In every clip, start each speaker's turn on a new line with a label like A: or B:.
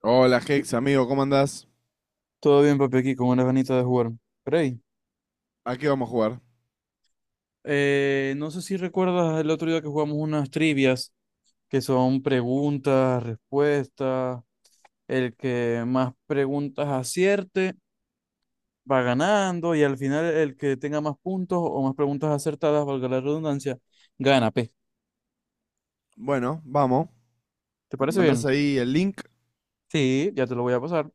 A: Hola
B: ¿Qué-
A: Hex, amigo, ¿cómo andás?
B: Todo bien, papi, aquí con una ganita de jugar. Rey,
A: ¿A qué vamos a jugar?
B: no sé si recuerdas el otro día que jugamos unas trivias que son preguntas, respuestas. El que más preguntas acierte va ganando y al final el que tenga más puntos o más preguntas acertadas, valga la redundancia, gana, P.
A: Bueno, vamos.
B: ¿Te
A: Me
B: parece
A: mandás
B: bien?
A: ahí el link.
B: Sí, ya te lo voy a pasar.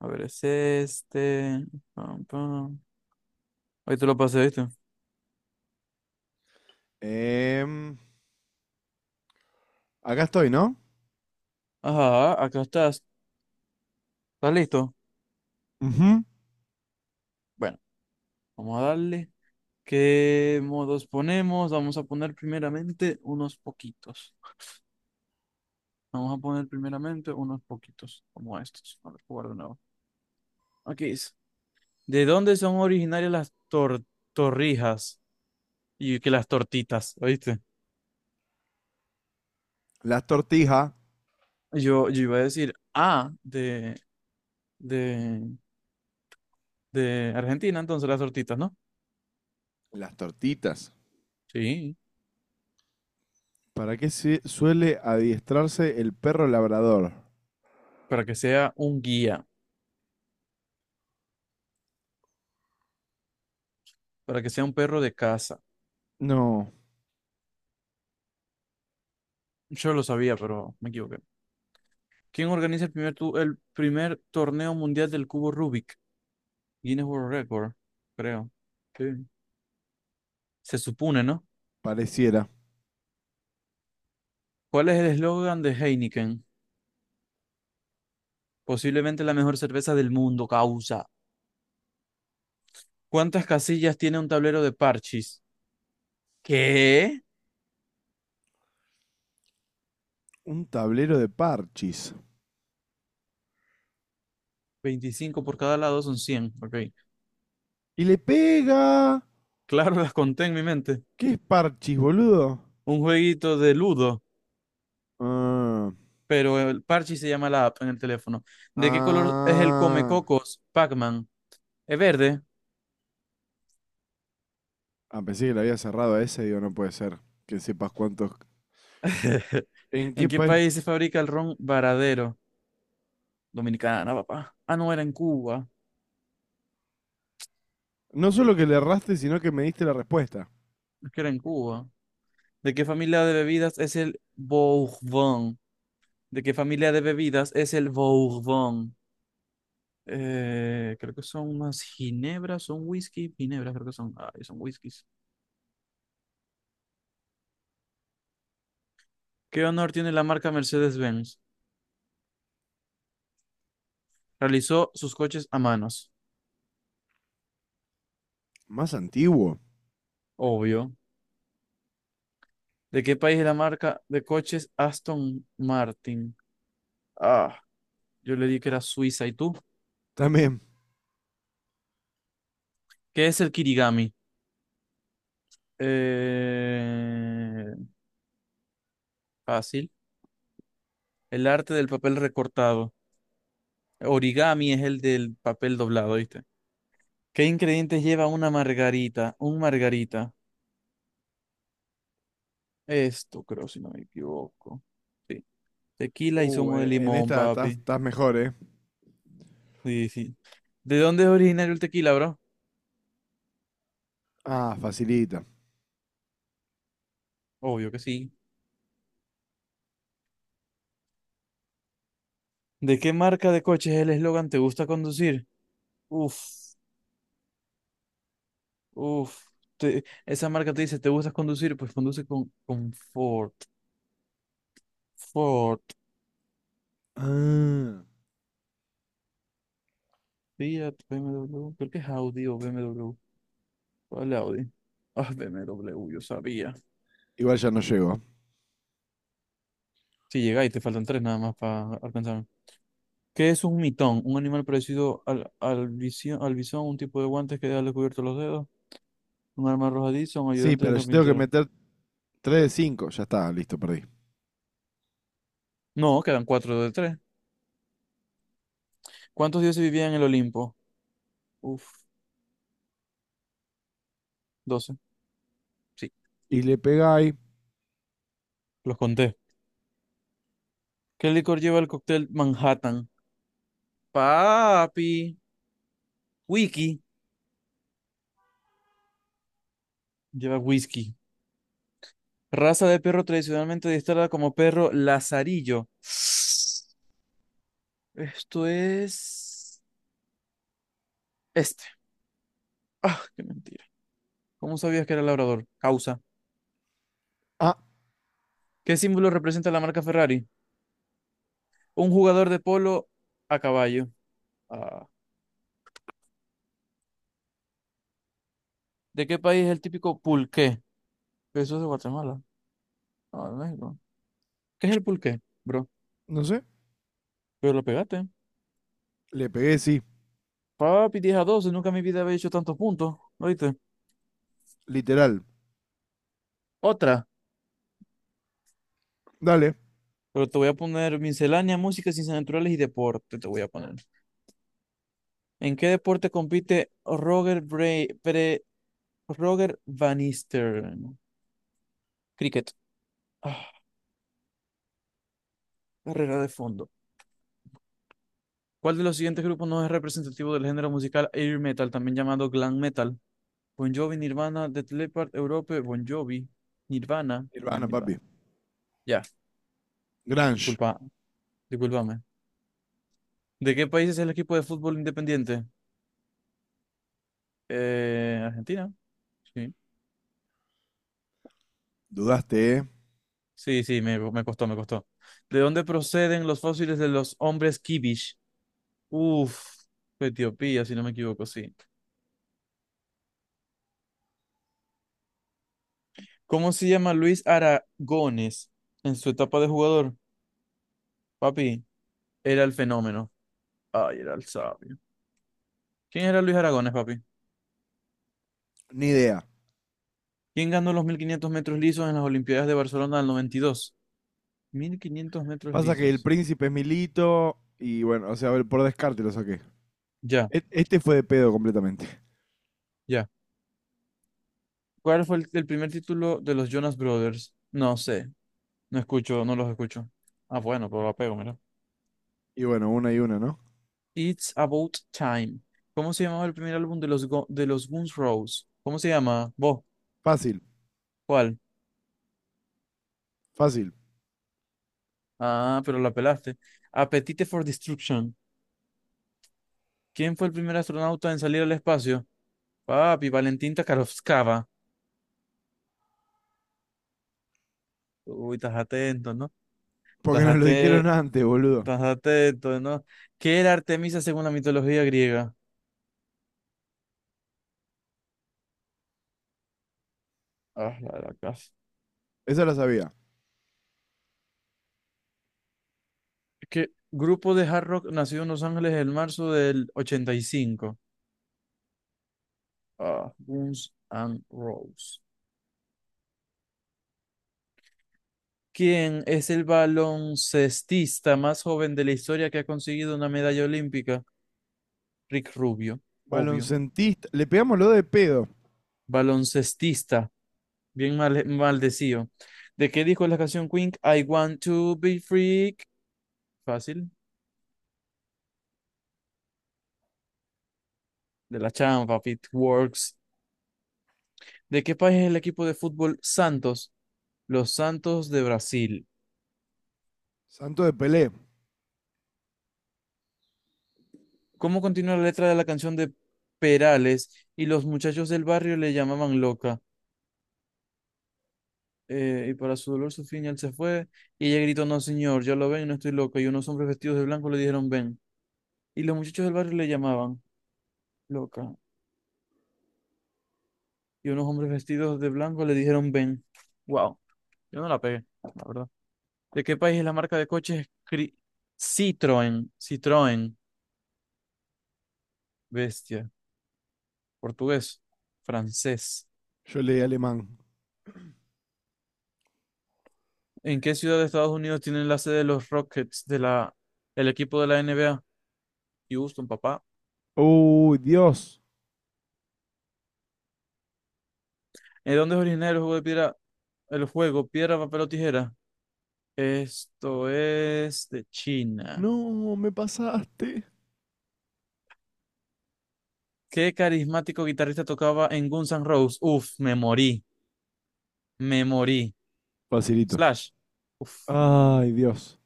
B: A ver, es este. Pam, pam. Ahí te lo pasé, ¿viste?
A: Em, Acá estoy, ¿no?
B: Ajá, acá estás. ¿Estás listo?
A: Ujú.
B: Bueno, vamos a darle. ¿Qué modos ponemos? Vamos a poner primeramente unos poquitos. Vamos a poner primeramente unos poquitos, como estos. A ver, jugar de nuevo. Aquí dice, ¿de dónde son originarias las torrijas? Y que las tortitas, ¿oíste?
A: Las tortijas.
B: Yo iba a decir, ah, de, de Argentina, entonces las tortitas, ¿no?
A: Las tortitas.
B: Sí,
A: ¿Para qué se suele adiestrarse el perro labrador?
B: para que sea un guía, para que sea un perro de casa.
A: No,
B: Yo lo sabía, pero me equivoqué. ¿Quién organiza el primer torneo mundial del cubo Rubik? Guinness World Record, creo. Sí. Se supone, ¿no?
A: pareciera.
B: ¿Cuál es el eslogan de Heineken? Posiblemente la mejor cerveza del mundo, causa. ¿Cuántas casillas tiene un tablero de parchis? ¿Qué?
A: Un tablero de parchis.
B: 25 por cada lado son 100. Ok.
A: ¡Y le pega!
B: Claro, las conté en mi mente.
A: ¿Qué es parchis, boludo?
B: Un jueguito de ludo,
A: Ah,
B: pero el parchis se llama la app en el teléfono. ¿De qué color es el
A: ah.
B: Comecocos Pac-Man? ¿Es verde?
A: Ah, pensé que lo había cerrado a ese, digo, no puede ser. Que sepas cuántos. ¿En qué
B: ¿En qué
A: país?
B: país se fabrica el ron Varadero? Dominicana, papá. Ah, no, era en Cuba.
A: No solo que le erraste, sino que me diste la respuesta.
B: Es que era en Cuba. ¿De qué familia de bebidas es el Bourbon? ¿De qué familia de bebidas es el Bourbon? Creo que son unas ginebras, son whisky, ginebras, creo que son. Ay, son whiskies. ¿Qué honor tiene la marca Mercedes-Benz? Realizó sus coches a manos,
A: Más antiguo.
B: obvio. ¿De qué país es la marca de coches Aston Martin? Ah, yo le di que era Suiza. ¿Y tú?
A: También.
B: ¿Qué es el kirigami? Eh, Fácil. El arte del papel recortado. Origami es el del papel doblado, ¿viste? ¿Qué ingredientes lleva una margarita? Un margarita. Esto creo, si no me equivoco. Sí. Tequila y zumo de
A: En
B: limón,
A: esta estás
B: papi.
A: estás mejor, ¿eh?
B: Sí, sí. ¿De dónde es originario el tequila, bro?
A: Ah, facilita.
B: Obvio que sí. ¿De qué marca de coches es el eslogan ¿Te gusta conducir? Uf, uf. Esa marca te dice ¿Te gusta conducir? Pues conduce con Ford. Ford.
A: Ah.
B: Fiat, BMW. Creo que es Audi o BMW. ¿Cuál Audi? Ah, BMW, yo sabía.
A: Igual ya no llego.
B: Si llegáis, te faltan tres nada más para alcanzarme. ¿Qué es un mitón? Un animal parecido al bisón, un tipo de guantes que deja descubiertos los dedos, un arma arrojadiza, un
A: Sí,
B: ayudante del
A: pero yo tengo que
B: carpintero.
A: meter 3 de 5. Ya está, listo, perdí.
B: No, quedan cuatro de tres. ¿Cuántos dioses vivían en el Olimpo? Uf, 12. Sí,
A: Y le pegáis.
B: los conté. ¿Qué licor lleva el cóctel Manhattan? Papi. Wiki. Lleva whisky. Raza de perro tradicionalmente adiestrada como perro lazarillo. Esto es... Este. Ah, qué mentira. ¿Cómo sabías que era labrador? Causa.
A: Ah,
B: ¿Qué símbolo representa la marca Ferrari? Un jugador de polo a caballo. Ah, ¿de qué país es el típico pulqué? Eso es de Guatemala. Ah, de México. ¿Qué es el pulqué, bro?
A: no sé.
B: Pero lo pegaste.
A: Le pegué, sí.
B: Papi, 10-12. Nunca en mi vida había hecho tantos puntos. ¿Oíste?
A: Literal.
B: Otra.
A: Dale.
B: Pero te voy a poner miscelánea, música, ciencias naturales y deporte. Te voy a poner. ¿En qué deporte compite Roger Bray, Pre- Roger Van Eastern? Cricket. Ah, carrera de fondo. ¿Cuál de los siguientes grupos no es representativo del género musical air metal, también llamado glam metal? Bon Jovi, Nirvana, Def Leppard, Europe, Bon Jovi, Nirvana. Ah,
A: Silvana,
B: Nirvana.
A: papi.
B: Ya,
A: Grange.
B: disculpa, discúlpame. ¿De qué país es el equipo de fútbol independiente? Argentina. Sí,
A: Dudaste, ¿eh?
B: sí, sí, me costó, me costó. ¿De dónde proceden los fósiles de los hombres Kibish? Uf, Etiopía, si no me equivoco, sí. ¿Cómo se llama Luis Aragones en su etapa de jugador? Papi, era el fenómeno. Ay, era el sabio. ¿Quién era Luis Aragones, papi?
A: Ni idea.
B: ¿Quién ganó los 1.500 metros lisos en las Olimpiadas de Barcelona del 92? 1.500 metros
A: Pasa que el
B: lisos.
A: príncipe es Milito. Y bueno, o sea, a ver, por descarte lo saqué.
B: Ya,
A: Este fue de pedo completamente.
B: ya. ¿Cuál fue el primer título de los Jonas Brothers? No sé. No escucho, no los escucho. Ah, bueno, pero la pego, mira.
A: Y bueno, una y una, ¿no?
B: It's About Time. ¿Cómo se llamaba el primer álbum de los Guns Roses? ¿Cómo se llama? ¿Vos?
A: Fácil,
B: ¿Cuál?
A: fácil.
B: Ah, pero la pelaste. Appetite for Destruction. ¿Quién fue el primer astronauta en salir al espacio? Papi, Valentín Takarovskaya. Uy, estás atento, ¿no?
A: Porque
B: Estás
A: nos lo dijeron
B: ate-
A: antes, boludo.
B: estás atento, ¿no? ¿Qué era Artemisa según la mitología griega? Ah, la de la casa.
A: Esa la sabía.
B: ¿Qué grupo de hard rock nació en Los Ángeles en marzo del 85? Ah, Guns N' Roses. ¿Quién es el baloncestista más joven de la historia que ha conseguido una medalla olímpica? Rick Rubio, obvio.
A: Baloncentista. Le pegamos lo de pedo.
B: Baloncestista, bien mal, maldecido. ¿De qué dijo la canción Queen? I want to be free. Fácil. De la Champa, Works. ¿De qué país es el equipo de fútbol Santos? Los Santos de Brasil.
A: Santo de Pelé.
B: ¿Cómo continúa la letra de la canción de Perales? Y los muchachos del barrio le llamaban loca. Y para su dolor, su final se fue. Y ella gritó: No, señor, ya lo ven, no estoy loca. Y unos hombres vestidos de blanco le dijeron: Ven. Y los muchachos del barrio le llamaban loca. Y unos hombres vestidos de blanco le dijeron: Ven. Wow, yo no la pegué, la verdad. ¿De qué país es la marca de coches Citroën? Citroën. Bestia. Portugués. Francés.
A: Yo leí alemán.
B: ¿En qué ciudad de Estados Unidos tienen la sede de los Rockets de la, el equipo de la NBA? Houston, papá.
A: Uy, Dios.
B: ¿En dónde es originario el juego de piedra, el juego piedra, papel o tijera? Esto es de China.
A: No, me pasaste.
B: ¿Qué carismático guitarrista tocaba en Guns N' Roses? Uf, me morí. Me morí.
A: Facilito.
B: Slash. Uf,
A: Ay, Dios.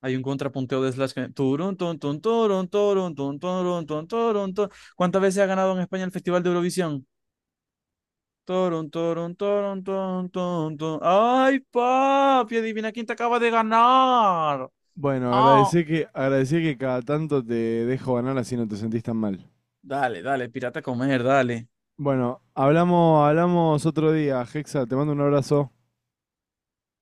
B: hay un contrapunteo de Slash que... Turun, tun, tun, turun, turun, tun, turun, tun, turun, tun. ¿Cuántas veces ha ganado en España el Festival de Eurovisión? Torun, torun, torun, torun, torun, torun. ¡Ay, papi! Adivina quién te acaba de ganar.
A: Bueno,
B: Ah,
A: agradecí que cada tanto te dejo ganar así no te sentís tan mal.
B: dale, dale, pirata a comer, dale.
A: Bueno, hablamos, hablamos otro día. Hexa, te mando un abrazo.